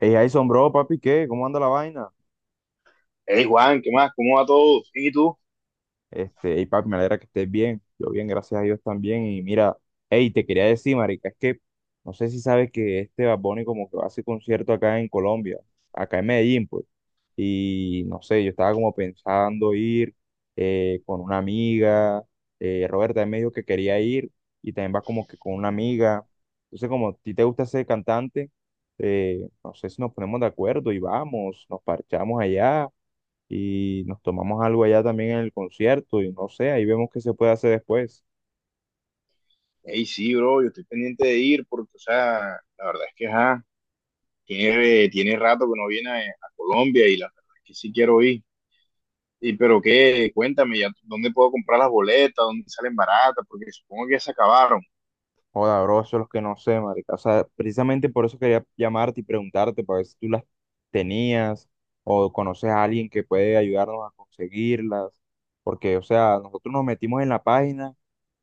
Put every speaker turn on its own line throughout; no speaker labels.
Hey, Jason, bro, papi, ¿qué? ¿Cómo anda la vaina?
Hey Juan, ¿qué más? ¿Cómo va todo? Bien, ¿y tú?
Hey, papi, me alegra que estés bien. Yo bien, gracias a Dios también. Y mira, hey, te quería decir, marica, es que no sé si sabes que este Bad Bunny como que va a hacer concierto acá en Colombia, acá en Medellín, pues. Y no sé, yo estaba como pensando ir con una amiga. Roberta también me dijo que quería ir y también va como que con una amiga. Entonces, como a ti te gusta ser cantante, no sé si nos ponemos de acuerdo y vamos, nos parchamos allá y nos tomamos algo allá también en el concierto y no sé, ahí vemos qué se puede hacer después.
Hey, sí, bro, yo estoy pendiente de ir porque, o sea, la verdad es que, ajá, tiene rato que no viene a Colombia y la verdad es que sí quiero ir. Y, pero qué, cuéntame, ya, ¿dónde puedo comprar las boletas? ¿Dónde salen baratas? Porque supongo que ya se acabaron.
Joda, bro, eso es lo que no sé, marica. O sea, precisamente por eso quería llamarte y preguntarte para ver si tú las tenías o conoces a alguien que puede ayudarnos a conseguirlas. Porque, o sea, nosotros nos metimos en la página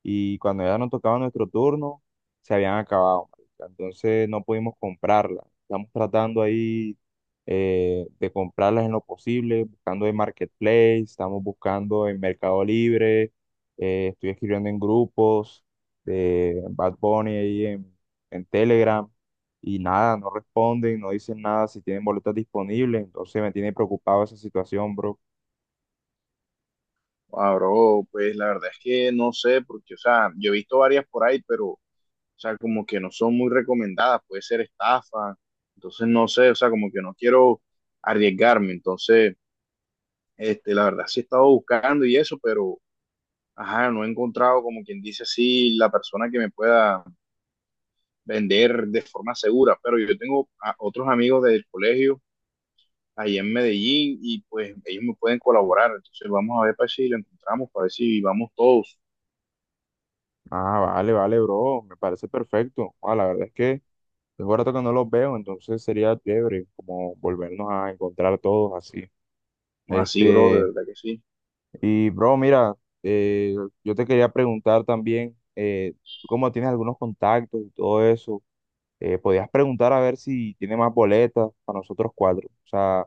y cuando ya nos tocaba nuestro turno, se habían acabado, marica. Entonces no pudimos comprarlas. Estamos tratando ahí de comprarlas en lo posible, buscando en Marketplace, estamos buscando en Mercado Libre, estoy escribiendo en grupos de Bad Bunny ahí en Telegram y nada, no responden, no dicen nada si tienen boletas disponibles, entonces me tiene preocupado esa situación, bro.
Ah, bro, pues la verdad es que no sé, porque, o sea, yo he visto varias por ahí, pero, o sea, como que no son muy recomendadas, puede ser estafa. Entonces, no sé, o sea, como que no quiero arriesgarme. Entonces... la verdad sí he estado buscando y eso, pero ajá, no he encontrado, como quien dice así, la persona que me pueda vender de forma segura. Pero yo tengo a otros amigos del colegio ahí en Medellín y pues ellos me pueden colaborar. Entonces vamos a ver para si lo encontramos, para ver si vamos todos.
Ah, vale, vale, bro, me parece perfecto. Ah, la verdad es que tengo rato que no los veo, entonces sería chévere como volvernos a encontrar todos así.
No así, bro, de
Este,
verdad que sí.
y bro, mira, eh, yo te quería preguntar también, tú como tienes algunos contactos y todo eso, podías preguntar a ver si tiene más boletas para nosotros cuatro. O sea,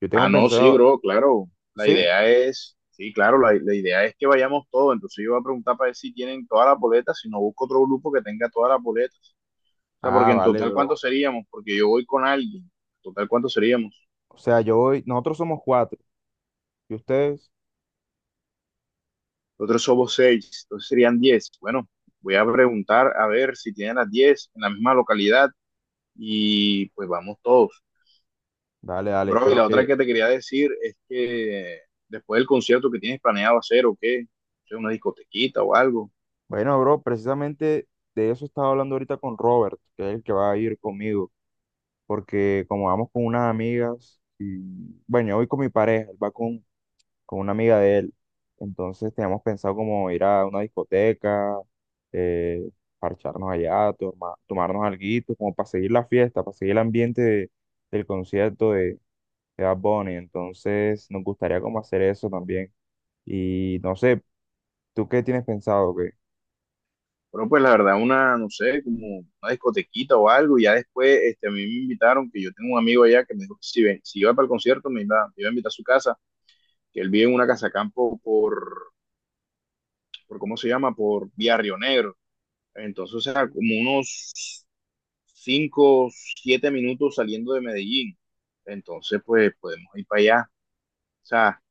yo
Ah,
tengo
no, sí,
pensado,
bro, claro. La
¿sí?
idea es, sí, claro, la idea es que vayamos todos. Entonces yo voy a preguntar para ver si tienen todas las boletas, si no busco otro grupo que tenga todas las boletas. O sea,
Ah,
porque en
vale,
total,
bro.
¿cuántos seríamos? Porque yo voy con alguien. En total, ¿cuántos seríamos?
O sea, yo voy, nosotros somos cuatro. ¿Y ustedes?
Nosotros somos 6, entonces serían 10. Bueno, voy a preguntar a ver si tienen las 10 en la misma localidad y pues vamos todos.
Dale, dale.
Bro, y
Pero
la otra
que,
que te quería decir es que después del concierto que tienes planeado hacer o qué, o sea, una discotequita o algo.
bueno, bro, precisamente de eso estaba hablando ahorita con Robert, que es el que va a ir conmigo. Porque como vamos con unas amigas, y bueno, yo voy con mi pareja, él va con una amiga de él. Entonces teníamos pensado como ir a una discoteca, eh, parcharnos allá, tomarnos alguito, como para seguir la fiesta, para seguir el ambiente del concierto de Bad Bunny. Entonces, nos gustaría como hacer eso también. Y no sé, ¿tú qué tienes pensado? ¿Qué?
Pero pues la verdad, una, no sé, como una discotequita o algo. Y ya después, a mí me invitaron, que yo tengo un amigo allá que me dijo que si, ven, si iba para el concierto, me iba a invitar a su casa. Que él vive en una casa campo por ¿cómo se llama? Por Vía Río Negro. Entonces, o sea, como unos 5 a 7 minutos saliendo de Medellín. Entonces, pues podemos ir para allá. O sea,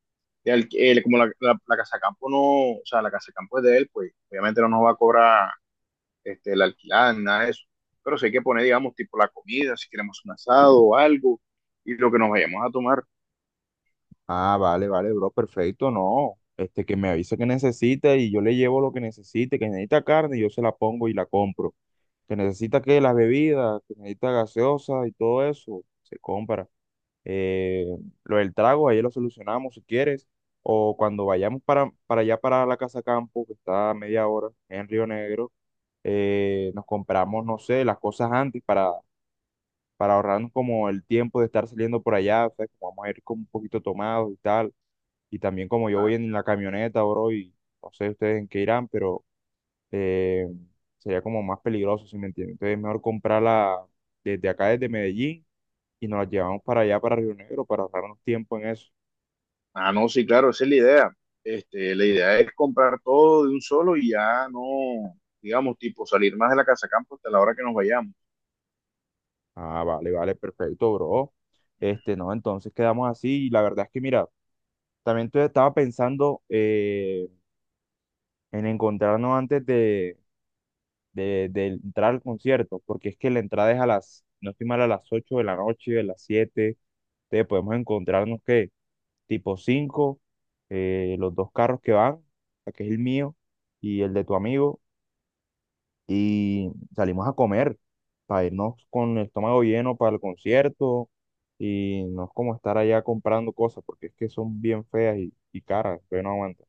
como la casa campo no, o sea, la casa campo es de él, pues obviamente no nos va a cobrar la alquilada ni nada de eso. Pero sí hay que poner, digamos, tipo la comida, si queremos un asado o algo, y lo que nos vayamos a tomar.
Ah, vale, vale, bro, perfecto, no. Este, que me avisa que necesita y yo le llevo lo que necesite, que necesita carne, yo se la pongo y la compro. Que necesita que las bebidas, que necesita gaseosa y todo eso, se compra. Eh, lo del trago, ahí lo solucionamos si quieres. O cuando vayamos para allá, para la Casa Campo, que está a media hora en Río Negro, nos compramos, no sé, las cosas antes para ahorrarnos como el tiempo de estar saliendo por allá, o sea, que vamos a ir como un poquito tomados y tal, y también como yo voy en la camioneta, bro, y no sé ustedes en qué irán, pero eh, sería como más peligroso, si me entienden, entonces es mejor comprarla desde acá, desde Medellín, y nos la llevamos para allá, para Río Negro, para ahorrarnos tiempo en eso.
Ah, no, sí, claro, esa es la idea. La idea es comprar todo de un solo y ya no, digamos, tipo, salir más de la casa campo hasta la hora que nos vayamos.
Ah, vale, vale, perfecto, bro. Este, no, entonces quedamos así, y la verdad es que, mira, también estaba pensando en encontrarnos antes de entrar al concierto, porque es que la entrada es a las, no estoy mal, a las 8 de la noche, a las 7, entonces podemos encontrarnos que tipo 5, los dos carros que van, o sea, que es el mío y el de tu amigo, y salimos a comer para irnos con el estómago lleno para el concierto. Y no es como estar allá comprando cosas, porque es que son bien feas y caras, pero no aguanto.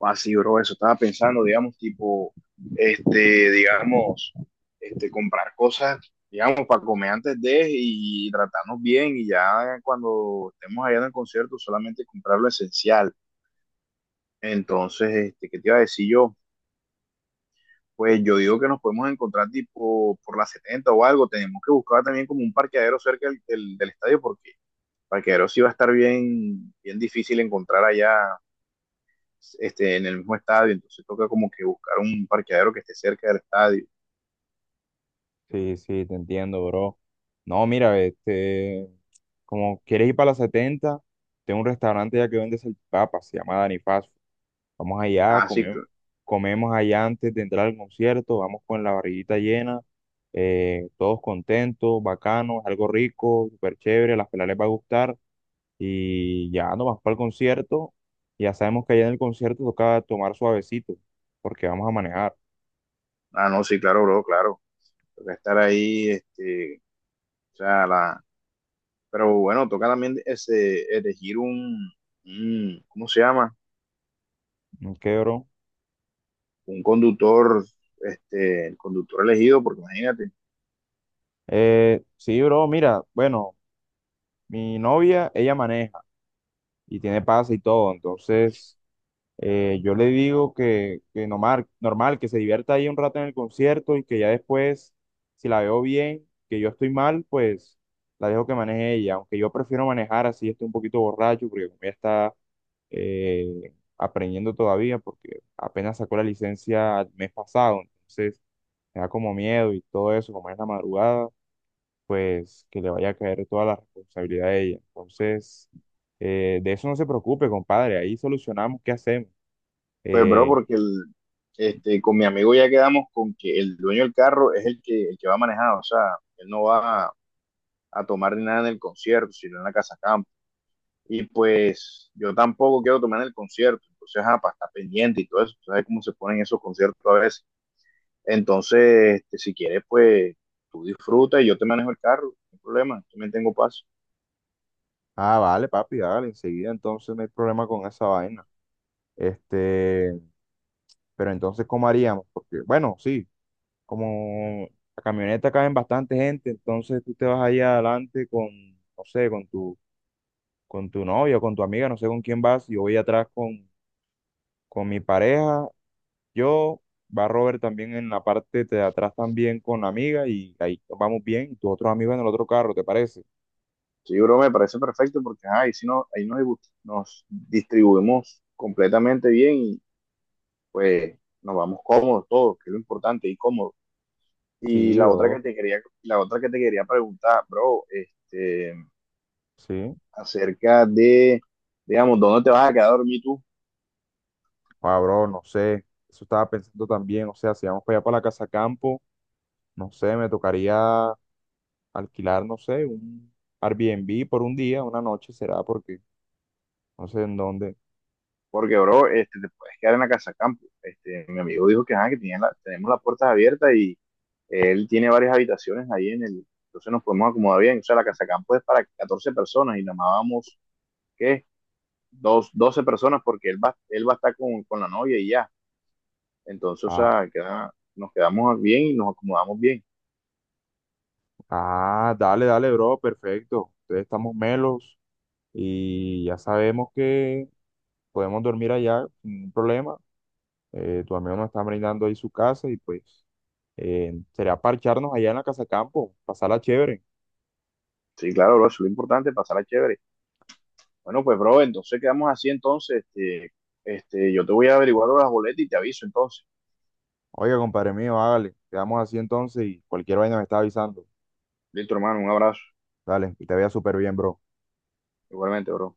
Así, bro, eso estaba pensando, digamos, tipo, este, digamos, comprar cosas, digamos, para comer antes de y tratarnos bien y ya cuando estemos allá en el concierto solamente comprar lo esencial. Entonces, ¿qué te iba a decir yo? Pues yo digo que nos podemos encontrar tipo por la 70 o algo. Tenemos que buscar también como un parqueadero cerca del estadio porque parqueadero sí va a estar bien, bien difícil encontrar allá en el mismo estadio. Entonces toca como que buscar un parqueadero que esté cerca del estadio.
Sí, sí, te entiendo, bro. No, mira, este, como quieres ir para la setenta, tengo un restaurante ya que vende salchipapas, se llama Dani Fast Food. Vamos allá,
Ah, sí,
comemos,
cl-
comemos allá antes de entrar al concierto, vamos con la barriguita llena, todos contentos, bacanos, algo rico, súper chévere, a las pelas les va a gustar y ya nos vamos para el concierto. Ya sabemos que allá en el concierto toca tomar suavecito, porque vamos a manejar.
ah, no, sí, claro, bro, claro. Toca estar ahí, o sea, pero bueno, toca también ese, elegir ¿cómo se llama?
¿Qué, bro?
Un conductor, el conductor elegido, porque imagínate.
Sí, bro, mira, bueno. Mi novia, ella maneja y tiene pase y todo, entonces yo le digo que normal, normal, que se divierta ahí un rato en el concierto y que ya después, si la veo bien, que yo estoy mal, pues la dejo que maneje ella, aunque yo prefiero manejar así, estoy un poquito borracho, porque como ella está aprendiendo todavía, porque apenas sacó la licencia el mes pasado, entonces me da como miedo y todo eso, como es la madrugada, pues que le vaya a caer toda la responsabilidad a ella. Entonces, de eso no se preocupe, compadre, ahí solucionamos qué hacemos.
Pues, bro,
Eh,
porque con mi amigo ya quedamos con que el dueño del carro es el que va a manejar, o sea, él no va a tomar ni nada en el concierto, sino en la casa campo. Y pues yo tampoco quiero tomar en el concierto, entonces, ajá, para estar pendiente y todo eso, tú sabes cómo se ponen esos conciertos a veces. Entonces, si quieres, pues tú disfruta y yo te manejo el carro, no hay problema, yo me tengo paso.
ah, vale, papi, dale, enseguida entonces no hay problema con esa vaina. Este, pero entonces, ¿cómo haríamos? Porque, bueno, sí, como la camioneta caben bastante gente, entonces tú te vas allá adelante con, no sé, con tu novia, con tu amiga, no sé con quién vas, y yo voy atrás con mi pareja. Yo, va Robert también en la parte de atrás también con la amiga y ahí vamos bien. Y tus otros amigos en el otro carro, ¿te parece?
Sí, bro, me parece perfecto porque ajá, ahí, sí no, nos distribuimos completamente bien, pues nos vamos cómodos todos, que es lo importante, y cómodos. Y
Sí, bro.
la otra que te quería preguntar, bro,
Sí.
acerca de, digamos, ¿dónde te vas a quedar a dormir tú?
Ah, bro, no sé. Eso estaba pensando también. O sea, si vamos para allá para la casa campo, no sé, me tocaría alquilar, no sé, un Airbnb por un día, una noche será, porque no sé en dónde.
Porque, bro, te puedes quedar en la casa campo. Mi amigo dijo que, ah, que tenemos las puertas abiertas y él tiene varias habitaciones ahí en el, entonces nos podemos acomodar bien. O sea, la casa campo es para 14 personas y nada más vamos, ¿qué? Dos, 12 personas porque él va a estar con la novia y ya. Entonces, o
Ah,
sea, nos quedamos bien y nos acomodamos bien.
ah, dale, dale, bro, perfecto. Ustedes estamos melos y ya sabemos que podemos dormir allá sin ningún problema. Tu amigo nos está brindando ahí su casa y pues sería parcharnos allá en la casa campo, pasarla chévere.
Sí, claro, bro, eso es lo importante, pasarla chévere. Bueno, pues, bro, entonces quedamos así, entonces, yo te voy a averiguar las boletas y te aviso, entonces.
Oiga, compadre mío, hágale. Quedamos así entonces y cualquier vaina me está avisando.
Listo, hermano, un abrazo.
Dale, que te vea súper bien, bro.
Igualmente, bro.